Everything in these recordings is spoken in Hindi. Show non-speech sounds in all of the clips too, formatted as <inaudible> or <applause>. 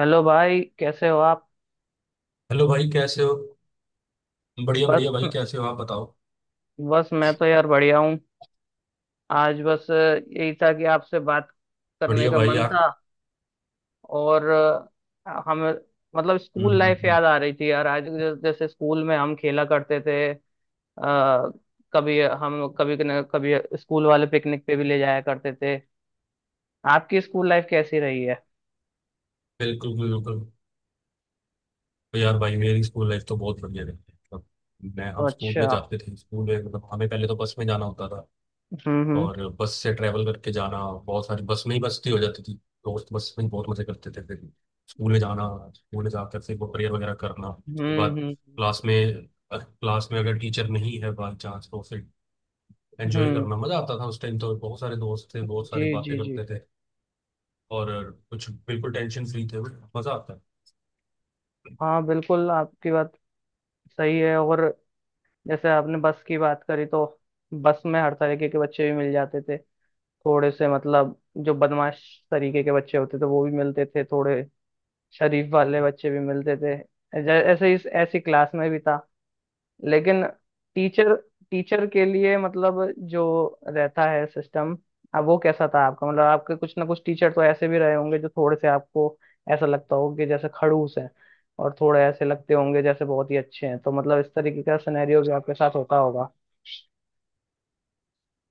हेलो भाई, कैसे हो आप। हेलो भाई, कैसे हो? बढ़िया बस बढ़िया भाई, कैसे हो आप? बताओ। बस मैं तो यार बढ़िया हूँ। आज यही था कि आपसे बात करने बढ़िया का भाई मन यार। था। और हम मतलब हम्म, स्कूल हम्म, लाइफ हम्म। याद आ रही थी यार, आज जैसे स्कूल में हम खेला करते थे। आ, कभी हम कभी स्कूल वाले पिकनिक पे भी ले जाया करते थे। आपकी स्कूल लाइफ कैसी रही है। बिल्कुल बिल्कुल। तो यार भाई, मेरी स्कूल लाइफ तो बहुत बढ़िया रही है। मतलब मैं हम स्कूल अच्छा। में जाते थे। स्कूल में मतलब हमें पहले तो बस में जाना होता था, हम्म हम्म और बस से ट्रैवल करके जाना, बहुत सारी बस में ही मस्ती हो जाती थी। दोस्त बस में बहुत मजे करते थे। फिर स्कूल में जाना, स्कूल में जाकर फिर वो प्रेयर वगैरह करना। उसके बाद हम्म। क्लास में, क्लास में अगर टीचर नहीं है बाई चांस, तो फिर हम्म एंजॉय हम्म, करना। मजा आता था उस टाइम। तो बहुत सारे दोस्त थे, बहुत जी सारी बातें जी जी। करते थे और कुछ। बिल्कुल टेंशन फ्री थे, मजा आता है। हाँ बिल्कुल, आपकी बात सही है। और जैसे आपने बस की बात करी, तो बस में हर तरीके के बच्चे भी मिल जाते थे। थोड़े से मतलब जो बदमाश तरीके के बच्चे होते थे वो भी मिलते थे, थोड़े शरीफ वाले बच्चे भी मिलते थे। ऐसे इस ऐसी क्लास में भी था। लेकिन टीचर टीचर के लिए मतलब जो रहता है सिस्टम, अब वो कैसा था आपका? मतलब आपके कुछ ना कुछ टीचर तो ऐसे भी रहे होंगे जो थोड़े से आपको ऐसा लगता हो कि जैसे खड़ूस है, और थोड़े ऐसे लगते होंगे जैसे बहुत ही अच्छे हैं। तो मतलब इस तरीके का सिनेरियो भी आपके साथ होता होगा।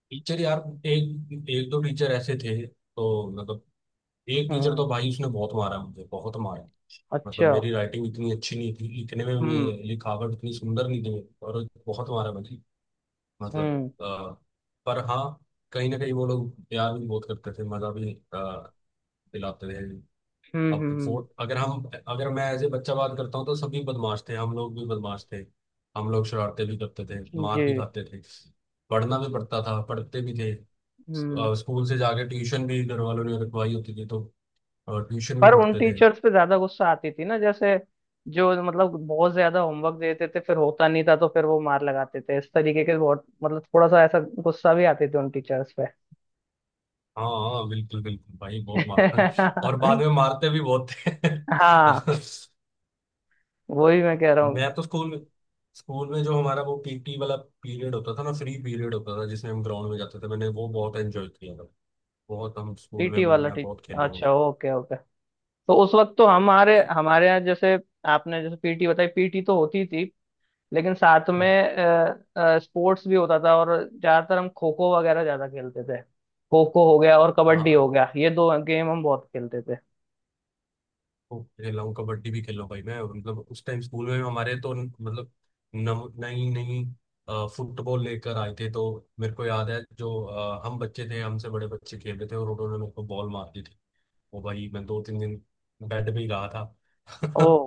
टीचर यार, एक एक दो टीचर ऐसे थे। तो मतलब एक टीचर हम्म। तो भाई, उसने बहुत मारा मुझे, बहुत मारा। मतलब अच्छा। मेरी राइटिंग इतनी अच्छी नहीं थी, लिखने में हम्म लिखावट इतनी सुंदर नहीं थी मेरी, और बहुत मारा मुझे। मतलब हम्म। पर हाँ, कहीं ना कहीं वो लोग प्यार भी बहुत करते थे, मजा भी दिलाते थे। अब तो हम्म। फोर अगर हम, अगर मैं एज ए बच्चा बात करता हूँ, तो सभी बदमाश थे, हम लोग भी बदमाश थे। हम लोग शरारतें भी करते थे, मार जी। भी खाते थे। पढ़ना भी पड़ता था, पढ़ते भी थे। हम्म। स्कूल से जाके ट्यूशन भी घर वालों ने रखवाई होती थी, तो ट्यूशन पर भी उन पढ़ते थे। टीचर्स पे ज्यादा गुस्सा आती थी ना, जैसे जो मतलब बहुत ज्यादा होमवर्क देते थे, फिर होता नहीं था तो फिर वो मार लगाते थे। इस तरीके के बहुत मतलब थोड़ा सा ऐसा गुस्सा भी आते थे उन टीचर्स पे। हाँ हाँ, बिल्कुल बिल्कुल भाई, बहुत मार <laughs> और बाद <laughs> में मारते भी बहुत थे। हाँ, वही मैं कह <laughs> रहा हूँ। मैं तो स्कूल में, स्कूल में जो हमारा वो पीटी वाला पीरियड होता था ना, फ्री पीरियड होता था जिसमें हम ग्राउंड में जाते थे। मैंने वो बहुत एंजॉय किया था। बहुत हम पीटी स्कूल में, वाला मतलब मैं बहुत टीचर, खेला हूँ। अच्छा ओके ओके। तो उस वक्त तो हमारे हमारे यहाँ जैसे, आपने जैसे पीटी बताई, पीटी तो होती थी लेकिन साथ में हम्म, स्पोर्ट्स भी होता था। और ज्यादातर हम खो खो वगैरह ज्यादा खेलते थे, खो खो हो गया और कबड्डी हाँ, हो गया, ये दो गेम हम बहुत खेलते थे। खूब खेला हूँ, कबड्डी भी खेला हूँ भाई मैं। मतलब उस टाइम स्कूल में हमारे तो मतलब नव नई नई फुटबॉल लेकर आए थे। तो मेरे को याद है, जो हम बच्चे थे, हमसे बड़े बच्चे खेल रहे थे, और उन्होंने मेरे को बॉल मार दी थी। वो भाई मैं 2-3 दिन बेड पे ही रहा था। ओ। <laughs>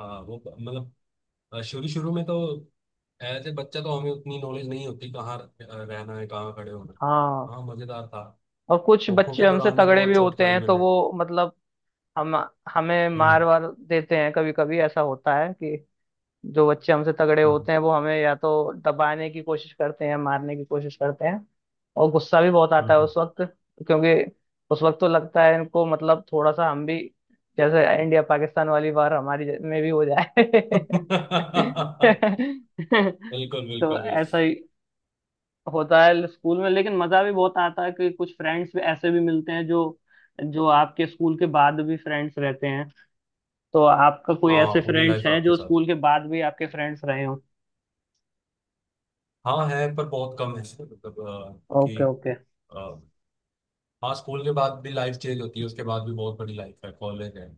हाँ वो मतलब शुरू शुरू में तो एज ए बच्चा तो हमें उतनी नॉलेज नहीं होती, कहाँ रहना है, कहाँ खड़े होना है। हाँ। हाँ, मजेदार था। और कुछ खोखो बच्चे के हमसे दौरान भी तगड़े भी बहुत चोट होते हैं खाई तो मैंने। वो मतलब हम हमें मार हम्म, वार देते हैं। कभी कभी ऐसा होता है कि जो बच्चे हमसे तगड़े हम्म, होते हैं वो हमें या तो दबाने की कोशिश करते हैं, मारने की कोशिश करते हैं। और गुस्सा भी बहुत आता है हम्म। उस वक्त। क्योंकि उस वक्त तो लगता है इनको मतलब, थोड़ा सा हम भी जैसे इंडिया पाकिस्तान वाली वार हमारी में भी हो जाए। <laughs> <laughs> बिल्कुल तो बिल्कुल ऐसा बिल्कुल। ही होता है स्कूल में। लेकिन मजा भी बहुत आता है कि कुछ फ्रेंड्स भी ऐसे भी मिलते हैं जो जो आपके स्कूल के बाद भी फ्रेंड्स रहते हैं। तो आपका कोई हाँ, ऐसे पूरी फ्रेंड्स लाइफ हैं आपके जो साथ। स्कूल के बाद भी आपके फ्रेंड्स रहे हो। हाँ है, पर बहुत कम है। मतलब क्योंकि ओके ओके। अ, हाँ, स्कूल के बाद भी लाइफ चेंज होती है। उसके बाद भी बहुत बड़ी लाइफ है, कॉलेज है।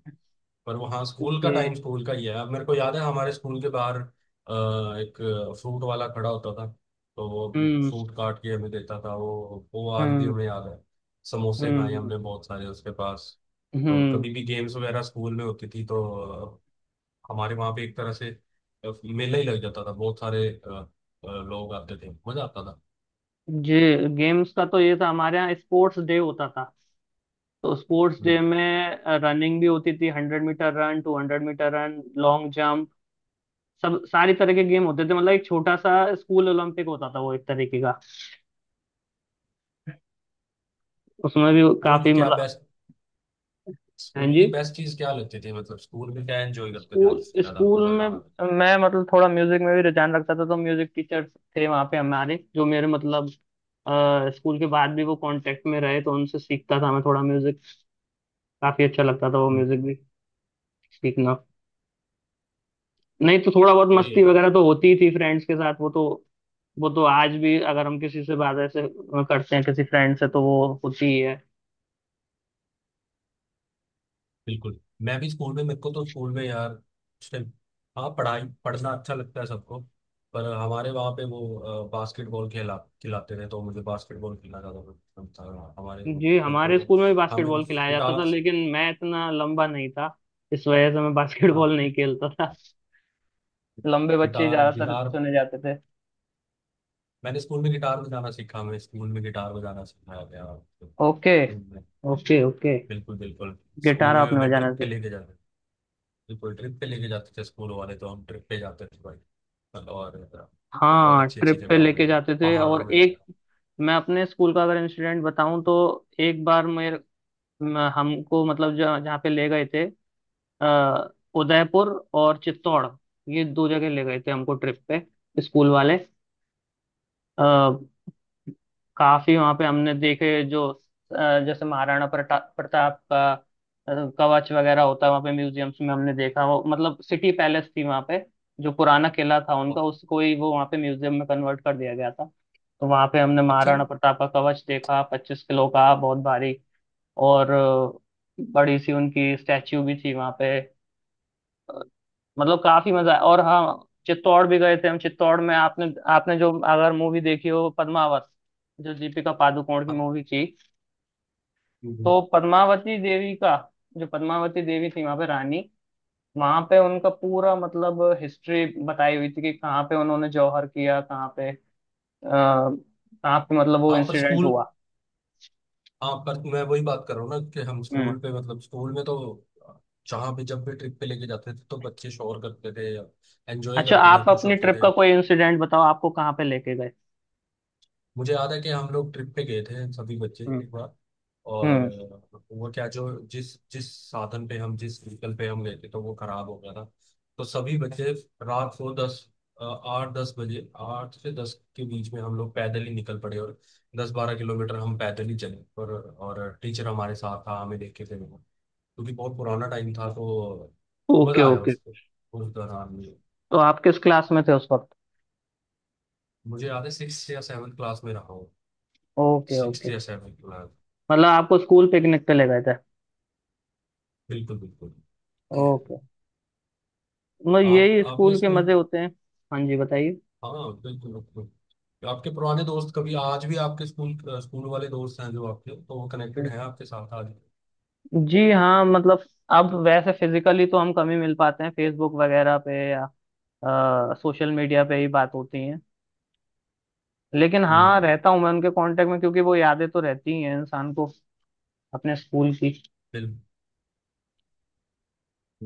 पर वो हाँ, स्कूल जी। का टाइम स्कूल का ही है। अब मेरे को याद है, हमारे स्कूल के बाहर एक फ्रूट वाला खड़ा होता था। तो वो हम्म फ्रूट काट के हमें देता था। वो आज भी हम्म। हमें याद है। समोसे खाए हम्म हमने बहुत सारे उसके पास। तो हम्म। कभी भी गेम्स वगैरह स्कूल में होती थी, तो अ, हमारे वहाँ पे एक तरह से मेला ही लग जाता था। बहुत सारे लोग आते थे, मजा आता था। जी। गेम्स का तो ये था हमारे यहाँ स्पोर्ट्स डे होता था। तो स्पोर्ट्स डे हम्म। में रनिंग भी होती थी, 100 metre run, 200 metre run, long jump, सब सारी तरह के गेम होते थे। मतलब एक छोटा सा स्कूल ओलंपिक होता था वो, एक तरीके का। उसमें भी स्कूल काफी की क्या मतलब, बेस्ट, हाँ स्कूल जी। की बेस्ट चीज क्या लगती थी? मतलब स्कूल में क्या एंजॉय करते थे आप? स्कूल सबसे ज्यादा स्कूल मजा में कहाँ आता था? मैं मतलब थोड़ा म्यूजिक में भी रुझान रखता था, तो म्यूजिक टीचर्स थे वहाँ पे हमारे जो मेरे मतलब स्कूल के बाद भी वो कांटेक्ट में रहे, तो उनसे सीखता था मैं थोड़ा म्यूजिक। काफी अच्छा लगता था वो हम्म। म्यूजिक भी सीखना। नहीं तो थोड़ा बहुत ये मस्ती है। वगैरह तो होती ही थी फ्रेंड्स के साथ, वो तो आज भी अगर हम किसी से बात ऐसे करते हैं, किसी फ्रेंड से, तो वो होती ही है। बिल्कुल, मैं भी स्कूल में, मेरे को तो स्कूल में यार उस टाइम, हाँ, पढ़ाई पढ़ना अच्छा लगता है सबको। पर हमारे वहाँ पे वो बास्केटबॉल खेला, खिलाते थे। तो मुझे बास्केटबॉल खेलना ज़्यादा पसंद था हमारे वो जी। बच्चों हमारे को। स्कूल में भी हमें बास्केटबॉल खिलाया जाता गिटार, था, लेकिन मैं इतना लंबा नहीं था, इस वजह से मैं <laughs> हाँ बास्केटबॉल नहीं खेलता था। लंबे बच्चे ही गिटार ज्यादातर गिटार, चुने जाते थे। मैंने स्कूल में गिटार बजाना सीखा, हमें स्कूल में गिटार बजाना सिखाया गया तो। ओके हम्म, ओके ओके। बिल्कुल बिल्कुल। गिटार स्कूल में आपने हमें बजाना ट्रिप पे सीखा। लेके जाते, बिल्कुल ट्रिप पे लेके जाते थे स्कूल वाले। तो हम ट्रिप पे जाते थे भाई। मतलब और बहुत हाँ, अच्छी अच्छी ट्रिप पे जगहों लेके में, जाते थे। और पहाड़ों में। एक, मैं अपने स्कूल का अगर इंसिडेंट बताऊं, तो एक बार हमको मतलब जहाँ जहाँ पे ले गए थे, अ, उदयपुर और चित्तौड़, ये दो जगह ले गए थे हमको ट्रिप पे स्कूल वाले। अ, काफी वहां पे हमने देखे जो, अ, जैसे महाराणा प्रताप का अ, कवच वगैरह होता है, वहां पे म्यूजियम्स में हमने देखा वो, मतलब सिटी पैलेस थी वहां पे। जो पुराना किला था उनका, बहुत उसको ही वो वहां पे म्यूजियम में कन्वर्ट कर दिया गया था। तो वहां पे हमने अच्छा जी। महाराणा प्रताप का कवच देखा, 25 किलो का, बहुत भारी। और बड़ी सी उनकी स्टैच्यू भी थी वहां पे। मतलब काफी मजा आया। और हाँ, चित्तौड़ भी गए थे हम। चित्तौड़ में आपने आपने जो, अगर मूवी देखी हो पद्मावत, जो दीपिका पादुकोण की हाँ। मूवी थी, हम्म। तो पद्मावती देवी का, जो पद्मावती देवी थी वहां पे रानी, वहां पे उनका पूरा मतलब हिस्ट्री बताई हुई थी कि कहाँ पे उन्होंने जौहर किया, कहाँ पे मतलब वो हाँ, पर इंसिडेंट स्कूल, हुआ। हाँ पर मैं वही बात कर रहा हूँ ना, कि हम हम्म। स्कूल पे मतलब स्कूल में तो अ, जहाँ भी जब भी ट्रिप पे लेके जाते थे, तो बच्चे शोर करते थे, एंजॉय अच्छा करते आप थे, खुश अपनी होते ट्रिप थे। का कोई इंसिडेंट बताओ, आपको कहाँ पे लेके गए। मुझे याद है कि हम लोग ट्रिप पे गए थे सभी बच्चे हम्म एक बार। और हम्म। वो क्या, जो जिस जिस साधन पे हम, जिस व्हीकल पे हम गए थे, तो वो खराब हो गया था। तो सभी बच्चे रात को 10, 8-10 बजे, 8 से 10 के बीच में हम लोग पैदल ही निकल पड़े। और 10-12 किलोमीटर हम पैदल ही चले। और टीचर हमारे साथ था, हमें देख के थे वो। क्योंकि बहुत पुराना टाइम था, तो ओके मजा आया ओके। उसको उस दौरान में। तो आप किस क्लास में थे उस वक्त। मुझे याद है 6 या 7 क्लास में रहा हूँ, ओके सिक्स ओके। या सेवन क्लास। मतलब आपको स्कूल पिकनिक पे ले गए थे। बिल्कुल बिल्कुल। ओके। मतलब आप यही आपने स्कूल के स्कूल। मजे होते हैं। हाँ जी बताइए। हाँ बिल्कुल बिल्कुल। आपके पुराने दोस्त कभी आज भी आपके स्कूल, स्कूल वाले दोस्त हैं जो आपके, तो वो कनेक्टेड हैं आपके साथ आज? जी हाँ, मतलब अब वैसे फिजिकली तो हम कम ही मिल पाते हैं, फेसबुक वगैरह पे या सोशल मीडिया पे ही बात होती है। लेकिन हाँ, हम्म। रहता हूँ मैं उनके कांटेक्ट में, क्योंकि वो यादें तो रहती ही हैं इंसान को अपने स्कूल की। बिल्कुल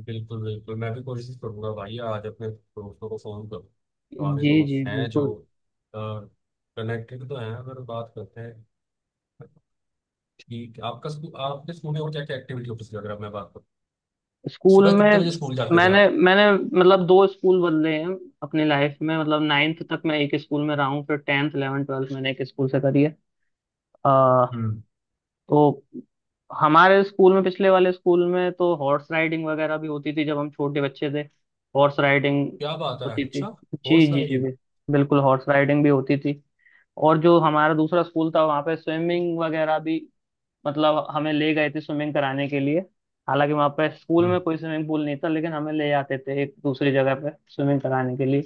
बिल्कुल बिल्कुल, मैं भी कोशिश करूंगा भाई आज अपने दोस्तों को फोन करूँ। पुराने जी दोस्त जी हैं जो, बिल्कुल। कनेक्टेड तो हैं, अगर बात करते हैं। ठीक है, आपका स्कूल, आपके स्कूल में और क्या क्या एक्टिविटी होती थी अगर मैं बात करूँ? स्कूल सुबह कितने में बजे स्कूल जाते थे मैंने आप? मैंने मतलब दो स्कूल बदले हैं अपनी लाइफ में, मतलब 9th तक मैं एक स्कूल में रहा हूँ, फिर 10th 11th 12th मैंने एक स्कूल से करी है। हम्म। तो हमारे स्कूल में, पिछले वाले स्कूल में तो हॉर्स राइडिंग वगैरह भी होती थी जब हम छोटे बच्चे थे। हॉर्स राइडिंग क्या बात है, होती थी। अच्छा। जी हॉर्स जी जी राइडिंग। बिल्कुल हॉर्स राइडिंग भी होती थी। और जो हमारा दूसरा स्कूल था वहाँ पे स्विमिंग वगैरह भी, मतलब हमें ले गए थे स्विमिंग कराने के लिए। हालांकि वहाँ पे स्कूल में कोई स्विमिंग पूल नहीं था, लेकिन हमें ले जाते थे एक दूसरी जगह पे स्विमिंग कराने के लिए।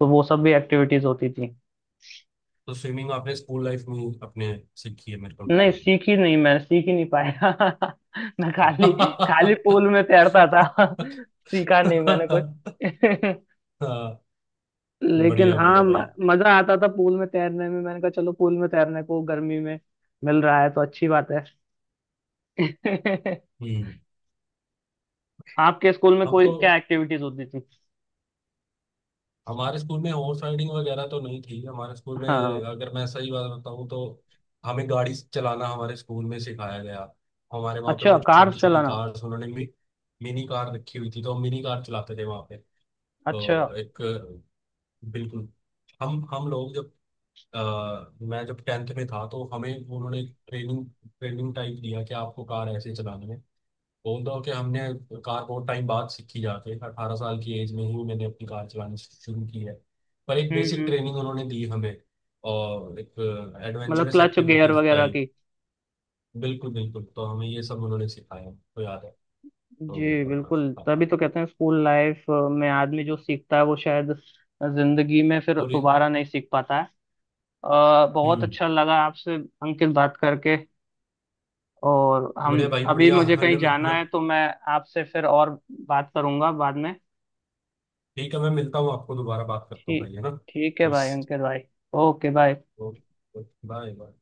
तो वो सब भी एक्टिविटीज होती थी। तो स्विमिंग आपने स्कूल लाइफ में ही अपने सीखी है मेरे को लगता नहीं, है। सीख ही नहीं मैं सीख ही नहीं पाया। <laughs> मैं खाली खाली <laughs> पूल में तैरता था। <laughs> सीखा नहीं मैंने कुछ। <laughs> हाँ। लेकिन बढ़िया हाँ, बढ़िया भाई। मजा आता था पूल में तैरने में। मैंने कहा चलो, पूल में तैरने को गर्मी में मिल रहा है तो अच्छी बात है। <laughs> हम्म। आपके स्कूल में हम कोई तो, क्या एक्टिविटीज होती थी। हमारे स्कूल में हॉर्स राइडिंग वगैरह तो नहीं थी। हमारे स्कूल में हाँ। अगर मैं सही बात बताऊँ तो, हमें गाड़ी चलाना हमारे स्कूल में सिखाया गया। हमारे वहाँ पे अच्छा, वो कार छोटी छोटी चलाना। कार्स उन्होंने मिनी कार रखी हुई थी। तो हम मिनी कार चलाते थे वहाँ पे। अच्छा। तो एक, बिल्कुल, हम लोग जब अ, मैं जब 10th में था, तो हमें उन्होंने ट्रेनिंग, ट्रेनिंग टाइप दिया कि आपको कार ऐसे चलानी है। बोल दो कि हमने कार बहुत टाइम बाद सीखी, जाके 18 साल की एज में ही मैंने अपनी कार चलानी शुरू की है। पर एक बेसिक हम्म। ट्रेनिंग उन्होंने दी हमें, और एक मतलब एडवेंचरस क्लच गियर एक्टिविटीज वगैरह। टाइप। बिल्कुल बिल्कुल, तो हमें ये सब उन्होंने सिखाया, तो याद है। जी तो बिल्कुल, हाँ, तभी तो कहते हैं स्कूल लाइफ में आदमी जो सीखता है वो शायद जिंदगी में फिर पूरी। दोबारा नहीं सीख पाता है। बहुत हम्म। अच्छा लगा आपसे अंकित बात करके। और हम, बढ़िया भाई अभी बढ़िया, मुझे कहीं हले जाना है तो मैं आपसे फिर और बात करूंगा बाद में। ठीक है, मैं मिलता हूँ आपको, दोबारा बात करता हूँ ठीक भाई, है ना? ठीक है बस। भाई, अंकित भाई। Okay bye. Bye bye.